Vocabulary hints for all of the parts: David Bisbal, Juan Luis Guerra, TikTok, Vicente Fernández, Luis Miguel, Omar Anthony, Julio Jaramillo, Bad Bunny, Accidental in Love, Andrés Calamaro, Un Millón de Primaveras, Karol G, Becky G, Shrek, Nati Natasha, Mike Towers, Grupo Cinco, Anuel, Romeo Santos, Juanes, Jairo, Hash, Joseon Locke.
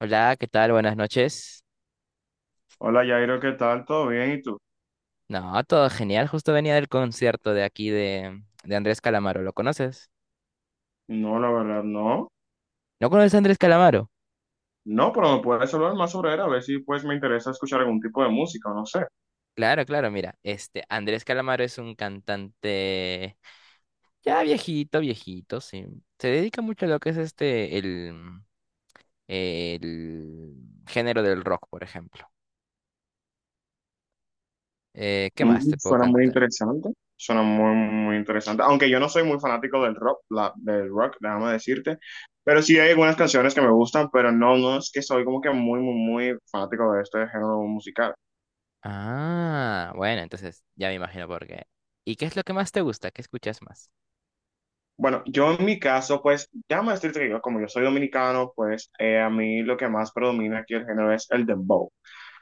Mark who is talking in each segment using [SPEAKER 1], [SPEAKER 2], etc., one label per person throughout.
[SPEAKER 1] Hola, ¿qué tal? Buenas noches.
[SPEAKER 2] Hola Jairo, ¿qué tal? ¿Todo bien? ¿Y tú?
[SPEAKER 1] No, todo genial. Justo venía del concierto de aquí de Andrés Calamaro. ¿Lo conoces?
[SPEAKER 2] No, la verdad, no.
[SPEAKER 1] ¿No conoces a Andrés Calamaro?
[SPEAKER 2] No, pero me puedes hablar más sobre él, a ver si pues me interesa escuchar algún tipo de música, no sé.
[SPEAKER 1] Claro, claro, mira. Andrés Calamaro es un cantante ya viejito, viejito, sí. Se dedica mucho a lo que es este, el, mm, el género del rock, por ejemplo. ¿Qué más te puedo
[SPEAKER 2] Suena muy
[SPEAKER 1] cantar?
[SPEAKER 2] interesante, suena muy, muy interesante. Aunque yo no soy muy fanático del rock, del rock, déjame decirte, pero sí hay algunas canciones que me gustan, pero no, no es que soy como que muy, muy, muy fanático de este género musical.
[SPEAKER 1] Ah, bueno, entonces ya me imagino por qué. ¿Y qué es lo que más te gusta? ¿Qué escuchas más?
[SPEAKER 2] Bueno, yo en mi caso, pues, déjame decirte que yo, como yo soy dominicano, pues a mí lo que más predomina aquí el género es el dembow.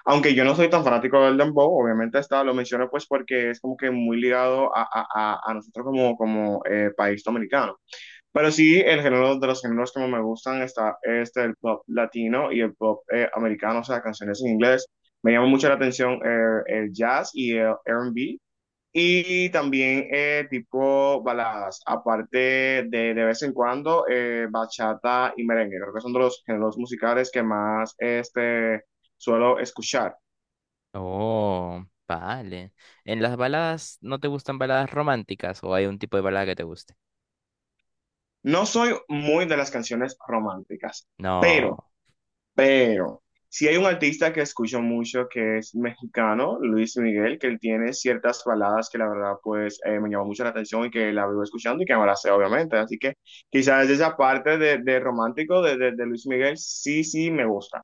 [SPEAKER 2] Aunque yo no soy tan fanático del dembow, obviamente está, lo menciono pues porque es como que muy ligado a nosotros como, como país dominicano. Pero sí, el género de los géneros que más me gustan está este, el pop latino y el pop americano, o sea, canciones en inglés. Me llama mucho la atención el jazz y el R&B. Y también tipo baladas, aparte de vez en cuando bachata y merengue. Creo que son de los géneros musicales que más este, suelo escuchar.
[SPEAKER 1] Oh, vale. ¿En las baladas no te gustan baladas románticas o hay un tipo de balada que te guste?
[SPEAKER 2] No soy muy de las canciones románticas, pero,
[SPEAKER 1] No,
[SPEAKER 2] pero, si hay un artista que escucho mucho que es mexicano, Luis Miguel, que él tiene ciertas baladas que la verdad pues me llamó mucho la atención y que la vivo escuchando y que me la sé obviamente. Así que quizás esa parte de romántico de Luis Miguel sí, sí me gusta.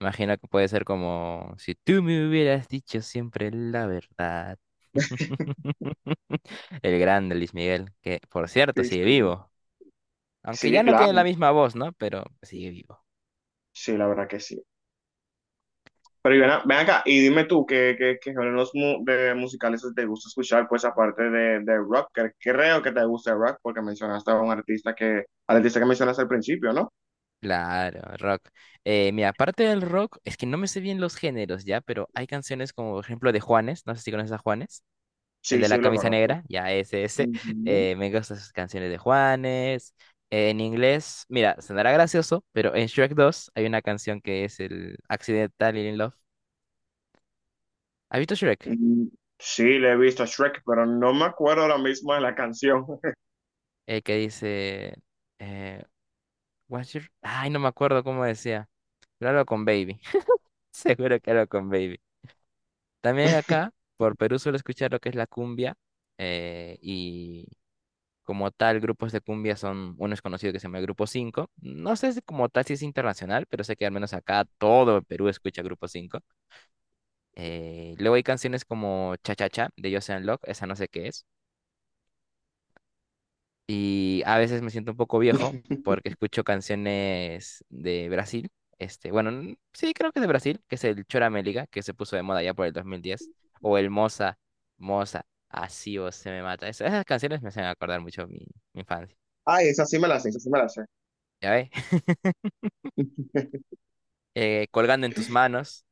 [SPEAKER 1] imagino que puede ser como si tú me hubieras dicho siempre la verdad. El grande Luis Miguel, que por cierto
[SPEAKER 2] Sí,
[SPEAKER 1] sigue
[SPEAKER 2] sí.
[SPEAKER 1] vivo. Aunque
[SPEAKER 2] Sí,
[SPEAKER 1] ya no tiene la
[SPEAKER 2] claro.
[SPEAKER 1] misma voz, ¿no? Pero sigue vivo.
[SPEAKER 2] Sí, la verdad que sí. Pero y ven, ven acá y dime tú qué, qué, qué géneros de musicales te gusta escuchar, pues aparte de rock, que creo que te gusta el rock porque mencionaste a un artista que, al artista que mencionaste al principio, ¿no?
[SPEAKER 1] Claro, rock. Mira, aparte del rock, es que no me sé bien los géneros ya, pero hay canciones como por ejemplo de Juanes, no sé si conoces a Juanes. El
[SPEAKER 2] Sí,
[SPEAKER 1] de
[SPEAKER 2] sí,
[SPEAKER 1] la
[SPEAKER 2] lo
[SPEAKER 1] camisa
[SPEAKER 2] conozco.
[SPEAKER 1] negra, ya ese.
[SPEAKER 2] Ujú.
[SPEAKER 1] Me gustan sus canciones de Juanes. En inglés, mira, sonará gracioso, pero en Shrek 2 hay una canción que es el Accidental in Love. ¿Has visto Shrek?
[SPEAKER 2] Mm, Sí, le he visto a Shrek, pero no me acuerdo ahora mismo de la canción.
[SPEAKER 1] El que dice... Eh, Ay, no me acuerdo cómo decía. Pero algo con Baby. Seguro que algo con Baby. También acá, por Perú, suelo escuchar lo que es la cumbia. eh, y Como tal, grupos de cumbia son, uno es conocido que se llama Grupo 5. No sé si como tal si es internacional, pero sé que al menos acá todo el Perú escucha Grupo 5. Luego hay canciones como Cha Cha Cha de Joseon Locke, esa no sé qué es. Y a veces me siento un poco viejo porque escucho canciones de Brasil. Sí, creo que es de Brasil, que es el chora meliga que se puso de moda ya por el 2010. O el Moza, Moza, así o se me mata. Esas canciones me hacen acordar mucho mi infancia.
[SPEAKER 2] Ah, esa sí me la sé, esa sí me la sé.
[SPEAKER 1] ¿Ya ve? Colgando en tus manos,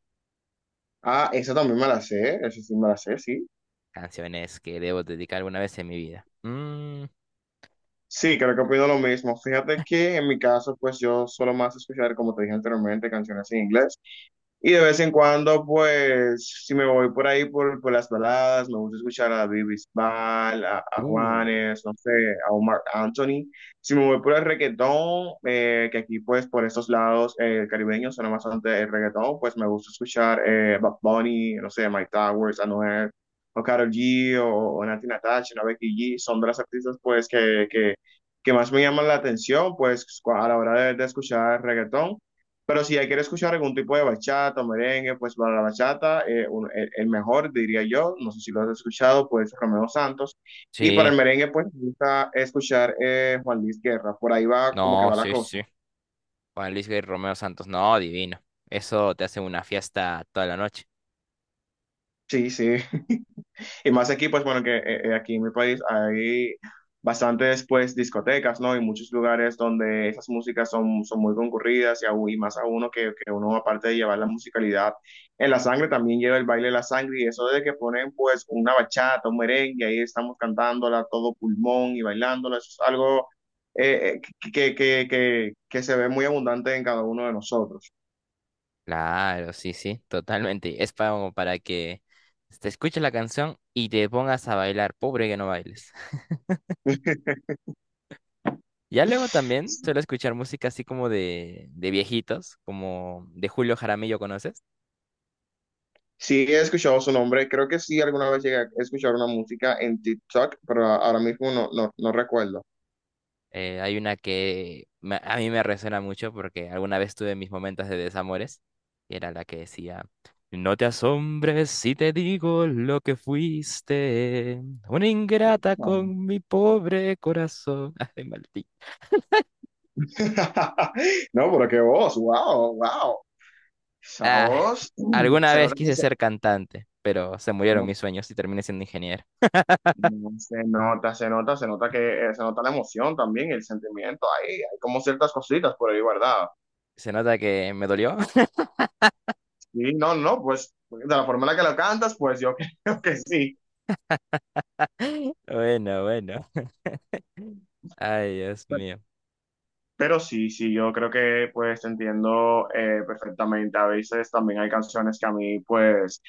[SPEAKER 2] Ah, esa también me la sé, esa sí me la sé, sí.
[SPEAKER 1] canciones que debo dedicar alguna vez en mi vida.
[SPEAKER 2] Sí, creo que opino lo mismo. Fíjate que en mi caso, pues yo solo más escuchar, como te dije anteriormente, canciones en inglés. Y de vez en cuando, pues, si me voy por ahí por las baladas, me gusta escuchar a David Bisbal, a
[SPEAKER 1] Uh,
[SPEAKER 2] Juanes, no sé, a Omar Anthony. Si me voy por el reggaetón, que aquí, pues, por estos lados caribeños suena bastante el reggaetón, pues me gusta escuchar Bad Bunny, no sé, Mike Towers, Anuel, o Karol G, o Nati Natasha, o Becky G. Son de las artistas, pues, que más me llaman la atención, pues, a la hora de escuchar reggaetón. Pero si ya quiere escuchar algún tipo de bachata o merengue, pues para la bachata, el mejor diría yo, no sé si lo has escuchado, pues Romeo Santos. Y para
[SPEAKER 1] sí,
[SPEAKER 2] el merengue, pues me gusta escuchar Juan Luis Guerra. Por ahí va como que
[SPEAKER 1] no,
[SPEAKER 2] va la
[SPEAKER 1] sí,
[SPEAKER 2] cosa.
[SPEAKER 1] sí. Juan Luis Guerra y Romeo Santos, no, divino. Eso te hace una fiesta toda la noche.
[SPEAKER 2] Sí, sí. Y más aquí, pues bueno, que aquí en mi país hay bastantes pues discotecas, ¿no? Y muchos lugares donde esas músicas son, son muy concurridas y más a uno que uno aparte de llevar la musicalidad en la sangre, también lleva el baile en la sangre y eso de que ponen pues una bachata, un merengue, ahí estamos cantándola a todo pulmón y bailándola, eso es algo que se ve muy abundante en cada uno de nosotros.
[SPEAKER 1] Claro, sí, sí, totalmente. Es para, como para que te escuches la canción y te pongas a bailar. Pobre que no bailes. Ya luego también suelo escuchar música así como de viejitos, como de Julio Jaramillo, ¿conoces?
[SPEAKER 2] Sí, he escuchado su nombre. Creo que sí, alguna vez llegué a escuchar una música en TikTok, pero ahora mismo no, no, no recuerdo.
[SPEAKER 1] Hay una que a mí me resuena mucho porque alguna vez tuve mis momentos de desamores y era la que decía, no te asombres si te digo lo que fuiste, una ingrata
[SPEAKER 2] Vale.
[SPEAKER 1] con mi pobre corazón. Ay, maldito.
[SPEAKER 2] No, pero qué voz, wow, wow. Esa
[SPEAKER 1] Ah,
[SPEAKER 2] voz,
[SPEAKER 1] alguna
[SPEAKER 2] se
[SPEAKER 1] vez
[SPEAKER 2] nota que
[SPEAKER 1] quise
[SPEAKER 2] se,
[SPEAKER 1] ser cantante, pero se murieron
[SPEAKER 2] no,
[SPEAKER 1] mis sueños y terminé siendo ingeniero.
[SPEAKER 2] no, se nota, se nota, se nota que se nota la emoción también, el sentimiento ahí, hay como ciertas cositas por ahí, ¿verdad?
[SPEAKER 1] Se nota que me dolió.
[SPEAKER 2] Sí, no, no, pues de la forma en la que lo cantas, pues yo creo que sí.
[SPEAKER 1] Bueno, bueno. Ay, Dios mío.
[SPEAKER 2] Pero sí, sí, yo creo que pues te entiendo perfectamente. A veces también hay canciones que a mí pues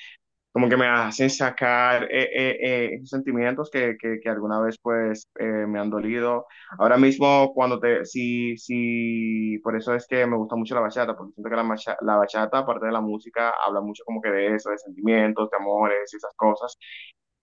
[SPEAKER 2] como que me hacen sacar esos sentimientos que alguna vez pues me han dolido. Ahora mismo cuando te, sí, sí, por eso es que me gusta mucho la bachata, porque siento que la bachata, aparte de la música, habla mucho como que de eso, de sentimientos, de amores y esas cosas.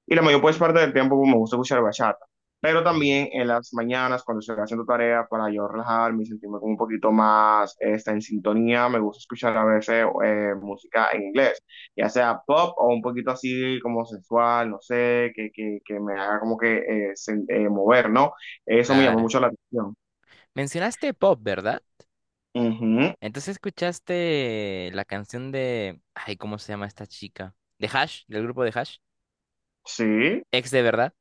[SPEAKER 2] Y la mayor pues, parte del tiempo pues, me gusta escuchar bachata. Pero también en las mañanas, cuando estoy haciendo tarea, para yo relajarme y sentirme como un poquito más esta, en sintonía, me gusta escuchar a veces música en inglés, ya sea pop o un poquito así como sensual, no sé, que me haga como que mover, ¿no? Eso me llama
[SPEAKER 1] Clara.
[SPEAKER 2] mucho la atención.
[SPEAKER 1] Mencionaste pop, ¿verdad?
[SPEAKER 2] Ujú,
[SPEAKER 1] Entonces escuchaste la canción de... Ay, ¿cómo se llama esta chica? De Hash, del grupo de Hash.
[SPEAKER 2] sí,
[SPEAKER 1] Ex de verdad.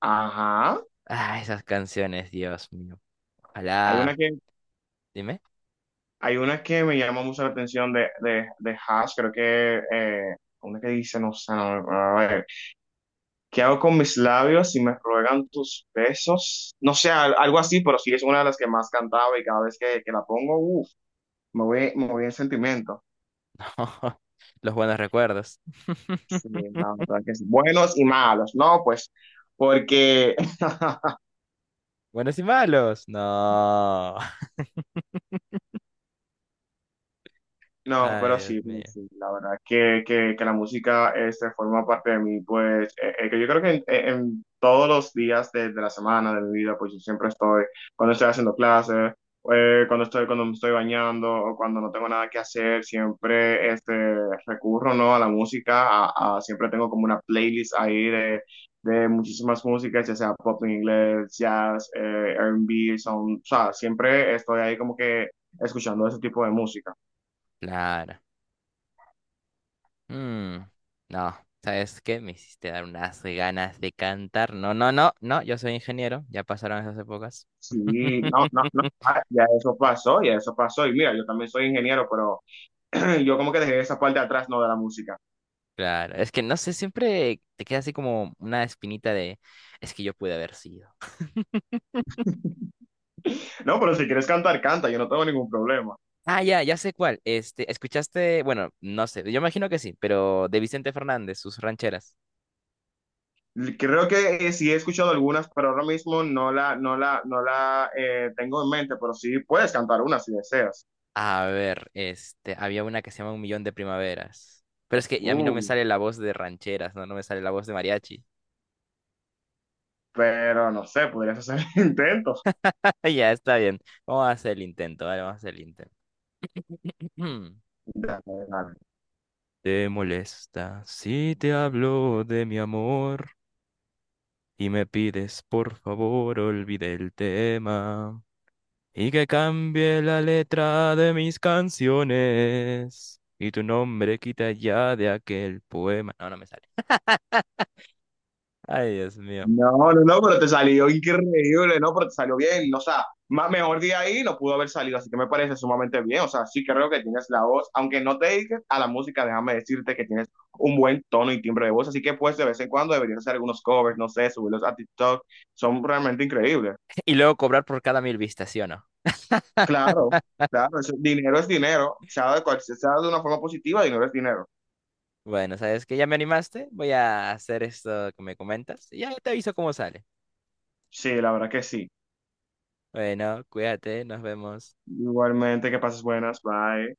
[SPEAKER 2] ajá.
[SPEAKER 1] Ah, esas canciones, Dios mío.
[SPEAKER 2] Hay
[SPEAKER 1] Ojalá.
[SPEAKER 2] una que,
[SPEAKER 1] Dime.
[SPEAKER 2] hay una que me llama mucho la atención de Hash, creo que una que dice, no sé, no, ¿qué hago con mis labios si me ruegan tus besos? No sé, algo así, pero sí es una de las que más cantaba y cada vez que la pongo, uff, me voy en sentimiento.
[SPEAKER 1] No. Los buenos recuerdos.
[SPEAKER 2] Sí, la verdad que sí. Buenos y malos, ¿no? Pues porque
[SPEAKER 1] Buenos y malos. No.
[SPEAKER 2] no,
[SPEAKER 1] Ay, Dios
[SPEAKER 2] pero
[SPEAKER 1] mío.
[SPEAKER 2] sí, la verdad que la música este, forma parte de mí, pues que yo creo que en todos los días de la semana, de mi vida, pues yo siempre estoy, cuando estoy haciendo clases, cuando estoy, cuando me estoy bañando o cuando no tengo nada que hacer, siempre este, recurro, ¿no? A la música, siempre tengo como una playlist ahí de muchísimas músicas, ya sea pop en inglés, jazz, R&B, son, o sea, siempre estoy ahí como que escuchando ese tipo de música.
[SPEAKER 1] Claro. Mm. No. ¿Sabes qué? Me hiciste dar unas ganas de cantar. No, no, no, no. Yo soy ingeniero. Ya pasaron esas épocas.
[SPEAKER 2] Sí, no, no, no, ah, ya eso pasó, ya eso pasó. Y mira, yo también soy ingeniero, pero yo como que dejé esa parte de atrás, no de la música.
[SPEAKER 1] Claro, es que no sé, siempre te queda así como una espinita de, es que yo pude haber sido.
[SPEAKER 2] No, pero si quieres cantar, canta, yo no tengo ningún problema.
[SPEAKER 1] Ah, ya, ya sé cuál. Escuchaste, bueno, no sé, yo imagino que sí, pero de Vicente Fernández, sus rancheras.
[SPEAKER 2] Creo que sí he escuchado algunas, pero ahora mismo no la tengo en mente, pero sí puedes cantar una si deseas.
[SPEAKER 1] A ver, había una que se llama Un Millón de Primaveras. Pero es que a mí no
[SPEAKER 2] Uh,
[SPEAKER 1] me sale la voz de rancheras, no, no me sale la voz de mariachi.
[SPEAKER 2] pero no sé, podrías hacer intentos.
[SPEAKER 1] Ya, está bien. Vamos a hacer el intento, vale, vamos a hacer el intento. ¿Te molesta si te hablo de mi amor? Y me pides por favor olvide el tema y que cambie la letra de mis canciones y tu nombre quita ya de aquel poema. No, no me sale. Ay, Dios mío.
[SPEAKER 2] No, no, no, pero te salió increíble, no, pero te salió bien, o sea, más mejor de ahí no pudo haber salido, así que me parece sumamente bien, o sea, sí creo que tienes la voz, aunque no te dediques a la música, déjame decirte que tienes un buen tono y timbre de voz, así que pues de vez en cuando deberías hacer algunos covers, no sé, subirlos a TikTok, son realmente increíbles.
[SPEAKER 1] Y luego cobrar por cada 1000 vistas, ¿sí o no?
[SPEAKER 2] Claro, claro, eso- dinero es dinero, sea de cual, sea de una forma positiva, dinero es dinero.
[SPEAKER 1] Bueno, ¿sabes que Ya me animaste. Voy a hacer esto que me comentas y ya te aviso cómo sale.
[SPEAKER 2] Sí, la verdad que sí.
[SPEAKER 1] Bueno, cuídate, nos vemos.
[SPEAKER 2] Igualmente, que pases buenas, bye.